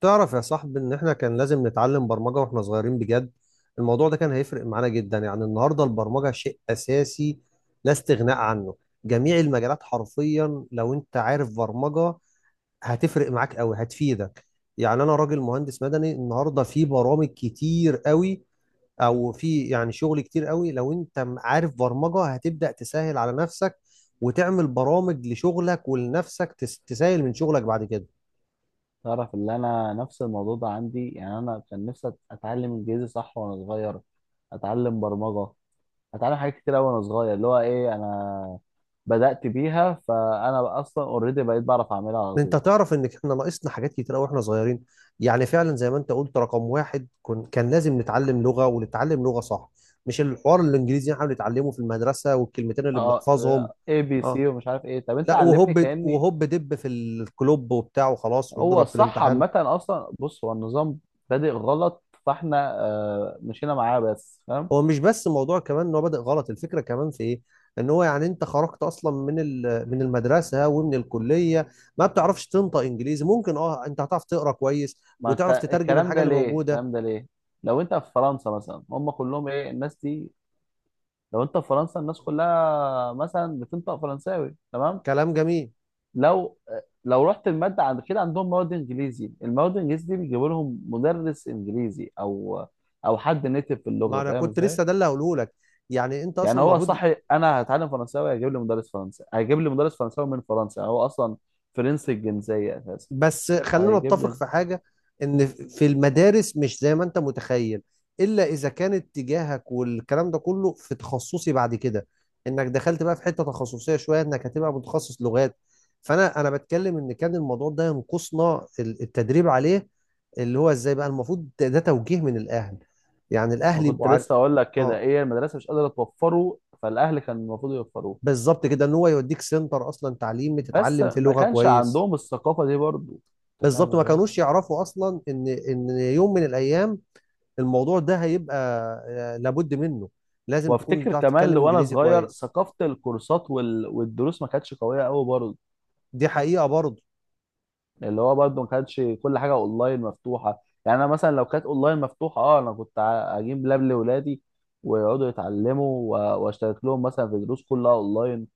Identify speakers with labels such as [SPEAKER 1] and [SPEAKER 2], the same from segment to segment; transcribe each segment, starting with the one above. [SPEAKER 1] تعرف يا صاحبي ان احنا كان لازم نتعلم برمجة واحنا صغيرين بجد. الموضوع ده كان هيفرق معانا جدا، يعني النهاردة البرمجة شيء اساسي لا استغناء عنه. جميع المجالات حرفيا لو انت عارف برمجة هتفرق معاك قوي، هتفيدك. يعني انا راجل مهندس مدني، النهاردة في برامج كتير قوي او في يعني شغل كتير قوي لو انت عارف برمجة هتبدأ تسهل على نفسك وتعمل برامج لشغلك ولنفسك، تسهل من شغلك بعد كده.
[SPEAKER 2] تعرف اللي انا نفس الموضوع ده عندي. يعني انا كان نفسي اتعلم انجليزي صح وانا صغير، اتعلم برمجه، اتعلم حاجات كتير قوي وانا صغير. اللي هو ايه، انا بدات بيها، فانا بقى اصلا اوريدي بقيت بعرف اعملها على
[SPEAKER 1] انت
[SPEAKER 2] طول.
[SPEAKER 1] تعرف ان احنا ناقصنا حاجات كتير قوي واحنا صغيرين. يعني فعلا زي ما انت قلت، رقم واحد كان لازم نتعلم لغه ونتعلم لغه صح، مش الحوار الانجليزي اللي احنا بنتعلمه في المدرسه والكلمتين اللي
[SPEAKER 2] اه،
[SPEAKER 1] بنحفظهم.
[SPEAKER 2] ABC
[SPEAKER 1] اه،
[SPEAKER 2] ومش عارف ايه، طب انت
[SPEAKER 1] لا
[SPEAKER 2] علمني
[SPEAKER 1] وهوب
[SPEAKER 2] كاني.
[SPEAKER 1] وهوب دب في الكلوب وبتاع وخلاص
[SPEAKER 2] هو
[SPEAKER 1] واضرب في
[SPEAKER 2] الصح
[SPEAKER 1] الامتحان.
[SPEAKER 2] عامه، اصلا بص، هو النظام بادئ غلط، فاحنا مشينا معاه، بس فاهم.
[SPEAKER 1] هو مش بس موضوع كمان ان هو بادئ غلط، الفكره كمان في ايه، ان هو يعني انت خرجت اصلا من من المدرسه ومن الكليه ما بتعرفش تنطق انجليزي. ممكن اه انت هتعرف تقرا كويس
[SPEAKER 2] ما
[SPEAKER 1] وتعرف
[SPEAKER 2] انت
[SPEAKER 1] تترجم
[SPEAKER 2] الكلام
[SPEAKER 1] الحاجه
[SPEAKER 2] ده
[SPEAKER 1] اللي
[SPEAKER 2] ليه،
[SPEAKER 1] موجوده.
[SPEAKER 2] الكلام ده ليه؟ لو انت في فرنسا مثلا، هم كلهم ايه الناس دي؟ لو انت في فرنسا الناس كلها مثلا بتنطق فرنساوي، تمام؟
[SPEAKER 1] كلام جميل.
[SPEAKER 2] لو لو رحت الماده عند كده، عندهم مواد انجليزي، المواد الانجليزي دي بيجيبوا لهم مدرس انجليزي او حد نيتف في
[SPEAKER 1] ما
[SPEAKER 2] اللغه،
[SPEAKER 1] انا
[SPEAKER 2] فاهم
[SPEAKER 1] كنت
[SPEAKER 2] ازاي؟
[SPEAKER 1] لسه ده اللي هقوله لك، يعني انت
[SPEAKER 2] يعني
[SPEAKER 1] اصلا
[SPEAKER 2] هو
[SPEAKER 1] المفروض.
[SPEAKER 2] صح. انا هتعلم فرنساوي هيجيب لي مدرس فرنسي، هيجيب لي مدرس فرنساوي من فرنسا، يعني هو اصلا فرنسي الجنسيه اساسا.
[SPEAKER 1] بس خلينا
[SPEAKER 2] هيجيب
[SPEAKER 1] نتفق
[SPEAKER 2] لي
[SPEAKER 1] في حاجه، ان في المدارس مش زي ما انت متخيل الا اذا كان اتجاهك والكلام ده كله في تخصصي بعد كده، انك دخلت بقى في حته تخصصيه شويه انك هتبقى متخصص لغات. فانا بتكلم ان كان الموضوع ده ينقصنا التدريب عليه، اللي هو ازاي بقى المفروض. ده توجيه من الاهل، يعني
[SPEAKER 2] ما
[SPEAKER 1] الاهل
[SPEAKER 2] كنت
[SPEAKER 1] يبقوا عارف.
[SPEAKER 2] لسه اقول لك كده،
[SPEAKER 1] اه،
[SPEAKER 2] ايه، المدرسه مش قادره توفره، فالاهل كان المفروض يوفروه.
[SPEAKER 1] بالظبط كده، ان هو يوديك سنتر اصلا تعليمي
[SPEAKER 2] بس
[SPEAKER 1] تتعلم فيه
[SPEAKER 2] ما
[SPEAKER 1] لغه
[SPEAKER 2] كانش
[SPEAKER 1] كويس.
[SPEAKER 2] عندهم الثقافه دي برضو، انت فاهم
[SPEAKER 1] بالظبط، ما
[SPEAKER 2] ازاي.
[SPEAKER 1] كانوش يعرفوا اصلا ان يوم من الايام الموضوع ده هيبقى آه، لابد منه. لازم تكون
[SPEAKER 2] وافتكر
[SPEAKER 1] بتعرف
[SPEAKER 2] كمان
[SPEAKER 1] تتكلم
[SPEAKER 2] وانا
[SPEAKER 1] انجليزي
[SPEAKER 2] صغير
[SPEAKER 1] كويس.
[SPEAKER 2] ثقافه الكورسات والدروس ما كانتش قويه قوي برضه.
[SPEAKER 1] دي حقيقة برضه.
[SPEAKER 2] اللي هو برضه ما كانتش كل حاجه اونلاين مفتوحه. يعني انا مثلا لو كانت اونلاين مفتوحه، اه، انا كنت اجيب لاب لاولادي ويقعدوا يتعلموا، واشترك لهم مثلا في دروس كلها اونلاين.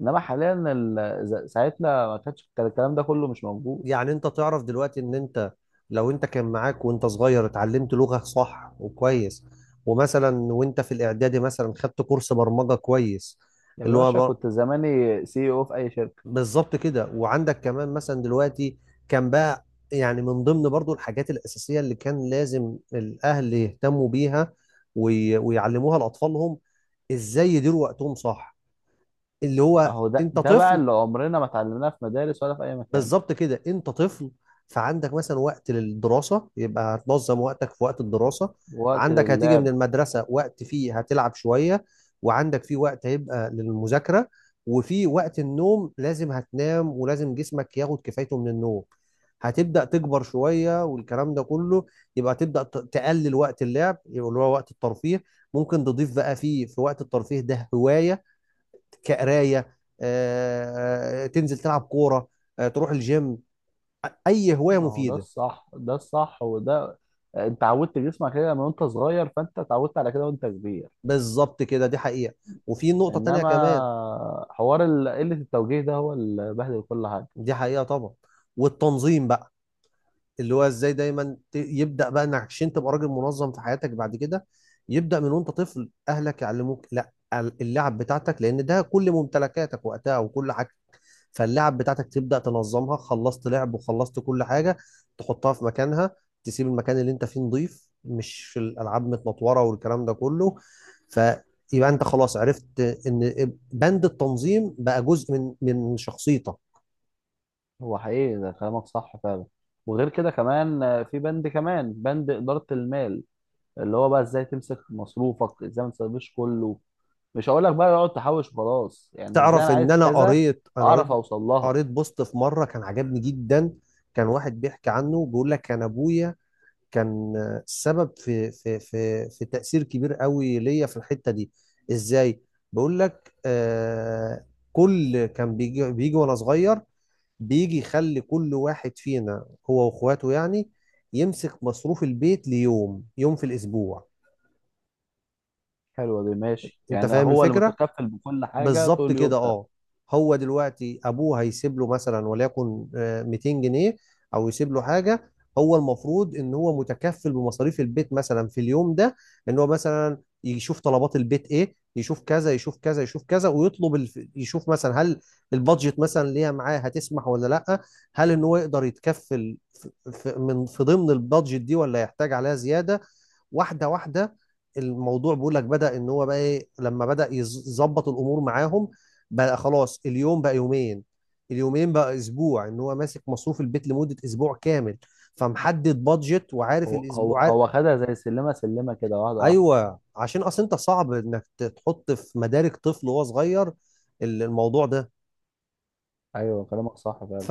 [SPEAKER 2] انما حاليا ساعتنا ما كانش كان الكلام ده كله مش موجود.
[SPEAKER 1] يعني انت تعرف دلوقتي ان انت لو انت كان معاك وانت صغير اتعلمت لغة صح وكويس، ومثلا وانت في الاعدادي مثلا خدت كورس برمجة كويس،
[SPEAKER 2] يا
[SPEAKER 1] اللي
[SPEAKER 2] باشا
[SPEAKER 1] هو
[SPEAKER 2] كنت زماني CEO في اي شركه.
[SPEAKER 1] بالظبط كده، وعندك كمان مثلا دلوقتي كان بقى، يعني من ضمن برضو الحاجات الأساسية اللي كان لازم الأهل يهتموا بيها ويعلموها لأطفالهم، إزاي يديروا وقتهم صح. اللي هو
[SPEAKER 2] اهو ده
[SPEAKER 1] أنت
[SPEAKER 2] ده بقى
[SPEAKER 1] طفل،
[SPEAKER 2] اللي عمرنا ما اتعلمناه في مدارس ولا في اي مكان.
[SPEAKER 1] بالظبط كده، انت طفل، فعندك مثلا وقت للدراسه، يبقى هتنظم وقتك في وقت الدراسه.
[SPEAKER 2] وقت
[SPEAKER 1] عندك هتيجي من
[SPEAKER 2] لله.
[SPEAKER 1] المدرسه وقت فيه هتلعب شويه، وعندك فيه وقت هيبقى للمذاكره، وفي وقت النوم لازم هتنام ولازم جسمك ياخد كفايته من النوم. هتبدا تكبر شويه والكلام ده كله، يبقى تبدا تقلل وقت اللعب، يبقى اللي هو وقت الترفيه. ممكن تضيف بقى فيه، في وقت الترفيه ده، هوايه كقرايه، آه، تنزل تلعب كوره، آه، تروح الجيم، اي هوايه
[SPEAKER 2] ما هو ده
[SPEAKER 1] مفيده.
[SPEAKER 2] الصح، ده الصح. وده انت عودت جسمك كده من وانت صغير، فانت اتعودت على كده وانت كبير.
[SPEAKER 1] بالظبط كده، دي حقيقه. وفي نقطه تانية
[SPEAKER 2] انما
[SPEAKER 1] كمان،
[SPEAKER 2] حوار قلة التوجيه ده هو اللي بهدل كل حاجة.
[SPEAKER 1] دي حقيقه طبعا، والتنظيم بقى، اللي هو ازاي دايما يبدا بقى انك عشان تبقى راجل منظم في حياتك بعد كده يبدا من وانت طفل. اهلك يعلموك لا اللعب بتاعتك لان ده كل ممتلكاتك وقتها وكل حاجه، فاللعب بتاعتك تبدأ تنظمها، خلصت لعب وخلصت كل حاجة تحطها في مكانها، تسيب المكان اللي انت فيه نظيف، مش الألعاب متنطورة والكلام ده كله. فيبقى انت خلاص عرفت ان بند التنظيم بقى جزء من شخصيتك.
[SPEAKER 2] هو حقيقي ده، كلامك صح فعلا. وغير كده كمان، في بند كمان، بند إدارة المال، اللي هو بقى ازاي تمسك مصروفك، ازاي ما تسيبش كله. مش هقول لك بقى اقعد تحوش وخلاص، يعني ازاي
[SPEAKER 1] تعرف
[SPEAKER 2] انا
[SPEAKER 1] ان
[SPEAKER 2] عايز
[SPEAKER 1] انا
[SPEAKER 2] كذا
[SPEAKER 1] قريت أنا قريت،
[SPEAKER 2] اعرف اوصل لها.
[SPEAKER 1] قريت بوست في مرة كان عجبني جدا. كان واحد بيحكي عنه، بيقول لك كان ابويا كان السبب في تأثير كبير قوي ليا في الحتة دي. ازاي؟ بقول لك آه، كان بيجي وانا صغير، بيجي يخلي كل واحد فينا هو واخواته يعني يمسك مصروف البيت ليوم، يوم في الاسبوع.
[SPEAKER 2] حلوه دي، ماشي،
[SPEAKER 1] انت
[SPEAKER 2] يعني
[SPEAKER 1] فاهم
[SPEAKER 2] هو اللي
[SPEAKER 1] الفكرة؟
[SPEAKER 2] متكفل بكل حاجه طول
[SPEAKER 1] بالظبط كده،
[SPEAKER 2] اليوم.
[SPEAKER 1] اه. هو دلوقتي ابوه هيسيب له مثلا، وليكن آه، 200 جنيه، او يسيب له حاجه. هو المفروض ان هو متكفل بمصاريف البيت مثلا في اليوم ده، ان هو مثلا يشوف طلبات البيت ايه، يشوف كذا يشوف كذا يشوف كذا، يشوف مثلا هل البادجت مثلا اللي هي معاه هتسمح ولا لا، هل ان هو يقدر يتكفل في ضمن البادجت دي ولا يحتاج عليها زياده. واحده واحده، الموضوع بيقول لك بدأ ان هو بقى ايه، لما بدأ يظبط الامور معاهم بقى خلاص، اليوم بقى يومين، اليومين بقى اسبوع، ان هو ماسك مصروف البيت لمدة اسبوع كامل. فمحدد بادجت وعارف
[SPEAKER 2] هو هو هو خدها زي سلمه سلمه كده، واحده واحده.
[SPEAKER 1] ايوه، عشان اصل انت صعب انك تحط في مدارك طفل وهو صغير الموضوع ده.
[SPEAKER 2] ايوه، كلامك صح فعلا.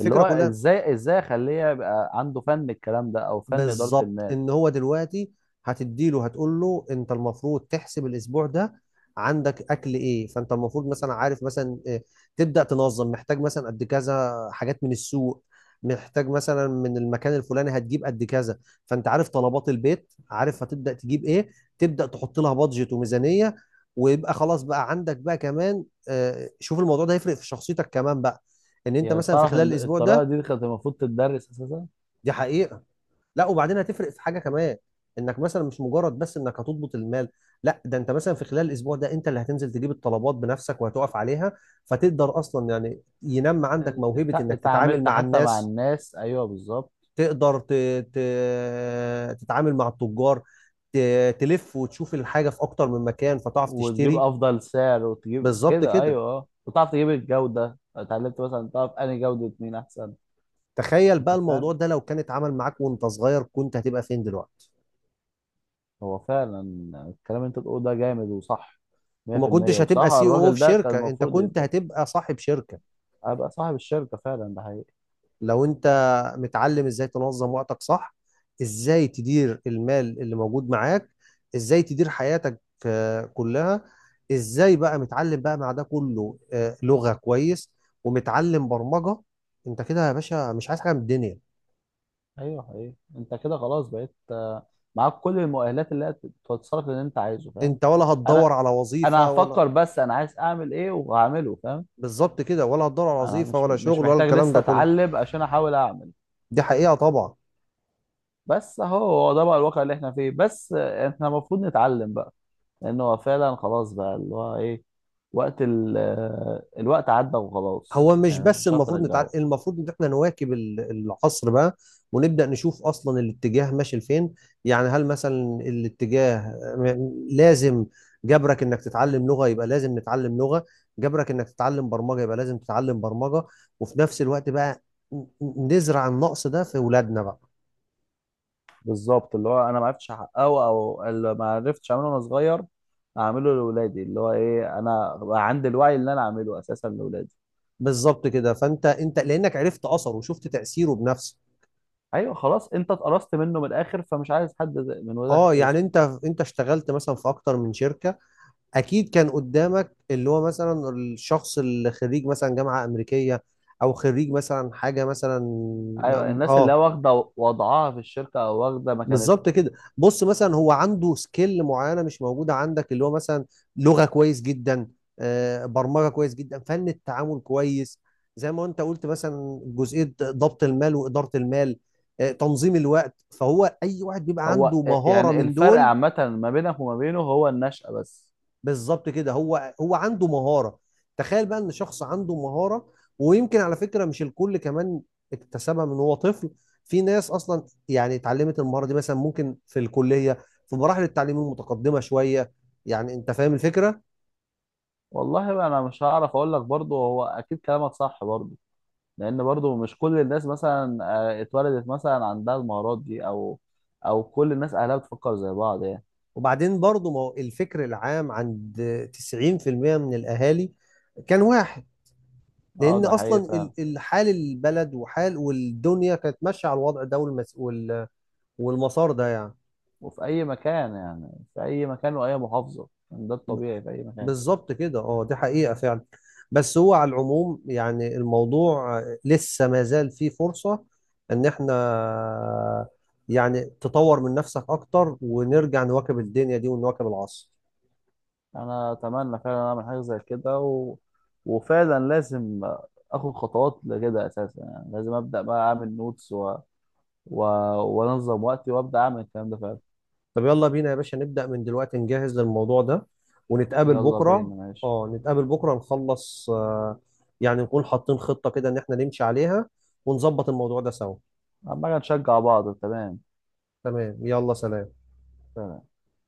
[SPEAKER 2] اللي هو
[SPEAKER 1] كلها،
[SPEAKER 2] ازاي اخليه يبقى عنده فن الكلام ده او فن اداره
[SPEAKER 1] بالظبط،
[SPEAKER 2] المال.
[SPEAKER 1] ان هو دلوقتي هتديله، هتقول له انت المفروض تحسب الاسبوع ده عندك اكل ايه، فانت المفروض مثلا عارف مثلا إيه، تبدا تنظم، محتاج مثلا قد كذا حاجات من السوق، محتاج مثلا من المكان الفلاني هتجيب قد كذا. فانت عارف طلبات البيت، عارف هتبدا تجيب ايه، تبدا تحط لها بادجت وميزانيه. ويبقى خلاص بقى عندك بقى كمان آه، شوف الموضوع ده هيفرق في شخصيتك كمان بقى، ان انت
[SPEAKER 2] يعني
[SPEAKER 1] مثلا في
[SPEAKER 2] تعرف
[SPEAKER 1] خلال
[SPEAKER 2] ان
[SPEAKER 1] الاسبوع
[SPEAKER 2] الطريقه
[SPEAKER 1] ده.
[SPEAKER 2] دي كانت المفروض تدرس اساسا.
[SPEAKER 1] دي حقيقة. لا وبعدين هتفرق في حاجه كمان، انك مثلا مش مجرد بس انك هتضبط المال، لا، ده انت مثلا في خلال الاسبوع ده انت اللي هتنزل تجيب الطلبات بنفسك وهتقف عليها، فتقدر اصلا يعني ينمى عندك موهبه انك تتعامل
[SPEAKER 2] اتعاملت
[SPEAKER 1] مع
[SPEAKER 2] حتى مع
[SPEAKER 1] الناس.
[SPEAKER 2] الناس، ايوه بالظبط.
[SPEAKER 1] تقدر ت... ت... تتعامل مع التجار، ت... تلف وتشوف الحاجه في اكتر من مكان فتعرف
[SPEAKER 2] وتجيب
[SPEAKER 1] تشتري.
[SPEAKER 2] افضل سعر وتجيب
[SPEAKER 1] بالظبط
[SPEAKER 2] كده،
[SPEAKER 1] كده.
[SPEAKER 2] ايوه اه، وتعرف تجيب الجوده، اتعلمت مثلا تعرف انهي جوده مين احسن.
[SPEAKER 1] تخيل بقى
[SPEAKER 2] انت فاهم.
[SPEAKER 1] الموضوع ده لو كان اتعمل معاك وانت صغير كنت هتبقى فين دلوقتي؟
[SPEAKER 2] هو فعلا الكلام اللي انت بتقوله ده جامد وصح
[SPEAKER 1] وما
[SPEAKER 2] 100%.
[SPEAKER 1] كنتش هتبقى
[SPEAKER 2] وبصراحه
[SPEAKER 1] سي او
[SPEAKER 2] الراجل
[SPEAKER 1] في
[SPEAKER 2] ده كان
[SPEAKER 1] شركه، انت
[SPEAKER 2] المفروض
[SPEAKER 1] كنت هتبقى صاحب شركه.
[SPEAKER 2] ابقى صاحب الشركه، فعلا ده حقيقي.
[SPEAKER 1] لو انت متعلم ازاي تنظم وقتك صح، ازاي تدير المال اللي موجود معاك، ازاي تدير حياتك، آه، كلها، ازاي بقى متعلم بقى مع ده كله آه، لغة كويس ومتعلم برمجة، انت كده يا باشا مش عايز حاجة من الدنيا.
[SPEAKER 2] ايوه حقيقي، انت كده خلاص بقيت، معاك كل المؤهلات اللي هي تتصرف اللي انت عايزه، فاهم.
[SPEAKER 1] انت ولا هتدور
[SPEAKER 2] انا
[SPEAKER 1] على
[SPEAKER 2] انا
[SPEAKER 1] وظيفة ولا،
[SPEAKER 2] هفكر بس انا عايز اعمل ايه، وهعمله، فاهم.
[SPEAKER 1] بالظبط كده، ولا هتدور على
[SPEAKER 2] انا
[SPEAKER 1] وظيفة
[SPEAKER 2] مش
[SPEAKER 1] ولا
[SPEAKER 2] مش
[SPEAKER 1] شغل ولا
[SPEAKER 2] محتاج
[SPEAKER 1] الكلام ده
[SPEAKER 2] لسه
[SPEAKER 1] كله.
[SPEAKER 2] اتعلم عشان احاول اعمل.
[SPEAKER 1] دي حقيقة طبعا.
[SPEAKER 2] بس اهو، هو ده بقى الواقع اللي احنا فيه. بس احنا المفروض نتعلم بقى، لان هو فعلا خلاص، بقى اللي هو ايه، وقت ال... آه، الوقت عدى وخلاص،
[SPEAKER 1] هو مش
[SPEAKER 2] يعني مش
[SPEAKER 1] بس
[SPEAKER 2] مش هتعرف
[SPEAKER 1] المفروض نتعلم،
[SPEAKER 2] ترجعه.
[SPEAKER 1] المفروض ان احنا نواكب العصر بقى، ونبدا نشوف اصلا الاتجاه ماشي لفين. يعني هل مثلا الاتجاه لازم، جبرك انك تتعلم لغه يبقى لازم نتعلم لغه، جبرك انك تتعلم برمجه يبقى لازم تتعلم برمجه. وفي نفس الوقت بقى ن- نزرع النقص ده في اولادنا بقى.
[SPEAKER 2] بالظبط. اللي هو انا ما عرفتش احققه، او اللي ما عرفتش اعمله وانا صغير، اعمله لاولادي. اللي هو ايه، انا بقى عندي الوعي اللي انا اعمله اساسا لاولادي.
[SPEAKER 1] بالظبط كده، فانت لانك عرفت اثره وشفت تاثيره بنفسك.
[SPEAKER 2] ايوه خلاص، انت اتقرصت منه من الاخر، فمش عايز حد من ولادك
[SPEAKER 1] اه،
[SPEAKER 2] يتقرص
[SPEAKER 1] يعني
[SPEAKER 2] منه.
[SPEAKER 1] انت اشتغلت مثلا في اكتر من شركه، اكيد كان قدامك اللي هو مثلا الشخص اللي خريج مثلا جامعه امريكيه، او خريج مثلا حاجه مثلا.
[SPEAKER 2] ايوه، الناس اللي
[SPEAKER 1] اه،
[SPEAKER 2] هي واخده وضعها في الشركه او واخده مكانتها.
[SPEAKER 1] بالظبط كده. بص، مثلا هو عنده سكيل معينه مش موجوده عندك، اللي هو مثلا لغه كويس جدا، آه، برمجه كويس جدا، فن التعامل كويس، زي ما انت قلت مثلا جزئيه ضبط المال واداره المال، آه، تنظيم الوقت. فهو اي واحد بيبقى عنده
[SPEAKER 2] هو
[SPEAKER 1] مهاره
[SPEAKER 2] يعني
[SPEAKER 1] من
[SPEAKER 2] الفرق
[SPEAKER 1] دول،
[SPEAKER 2] عامه ما بينك وما بينه هو النشأة بس.
[SPEAKER 1] بالظبط كده، هو هو عنده مهارة. تخيل بقى ان شخص عنده مهارة، ويمكن على فكرة مش الكل كمان اكتسبها من هو طفل، في ناس اصلا يعني اتعلمت المهارة دي مثلا ممكن في الكلية في مراحل التعليم المتقدمة شوية. يعني انت فاهم الفكرة.
[SPEAKER 2] والله انا مش هعرف اقول لك برضه، هو اكيد كلامك صح برضه. لان برضو مش كل الناس مثلا، اتولدت مثلا عندها المهارات دي، او كل الناس اهلها بتفكر زي بعض يعني.
[SPEAKER 1] وبعدين برضو ما هو الفكر العام عند 90% من الاهالي كان واحد،
[SPEAKER 2] اه،
[SPEAKER 1] لان
[SPEAKER 2] ده حقيقي
[SPEAKER 1] اصلا
[SPEAKER 2] فعلا.
[SPEAKER 1] الحال البلد وحال والدنيا كانت ماشية على الوضع ده والمسار ده يعني.
[SPEAKER 2] وفي اي مكان يعني، في اي مكان واي محافظه يعني، ده الطبيعي في اي مكان.
[SPEAKER 1] بالظبط كده، اه، دي حقيقة فعلا. بس هو على العموم يعني الموضوع لسه ما زال فيه فرصة ان احنا يعني تطور من نفسك اكتر، ونرجع نواكب الدنيا دي ونواكب العصر.
[SPEAKER 2] انا اتمنى فعلا اعمل حاجه زي كده، وفعلا لازم اخد خطوات لكده اساسا. يعني لازم ابدا بقى اعمل نوتس، و... وانظم وقتي، وابدا اعمل الكلام ده فعلا.
[SPEAKER 1] طب يلا بينا يا باشا نبدأ من دلوقتي نجهز للموضوع ده ونتقابل
[SPEAKER 2] يلا
[SPEAKER 1] بكرة.
[SPEAKER 2] بينا، ماشي.
[SPEAKER 1] اه، نتقابل بكرة، نخلص آه، يعني نكون حاطين خطة كده ان احنا نمشي عليها، ونظبط الموضوع ده سوا.
[SPEAKER 2] عمال نشجع بعض، تمام.
[SPEAKER 1] تمام، يلا سلام.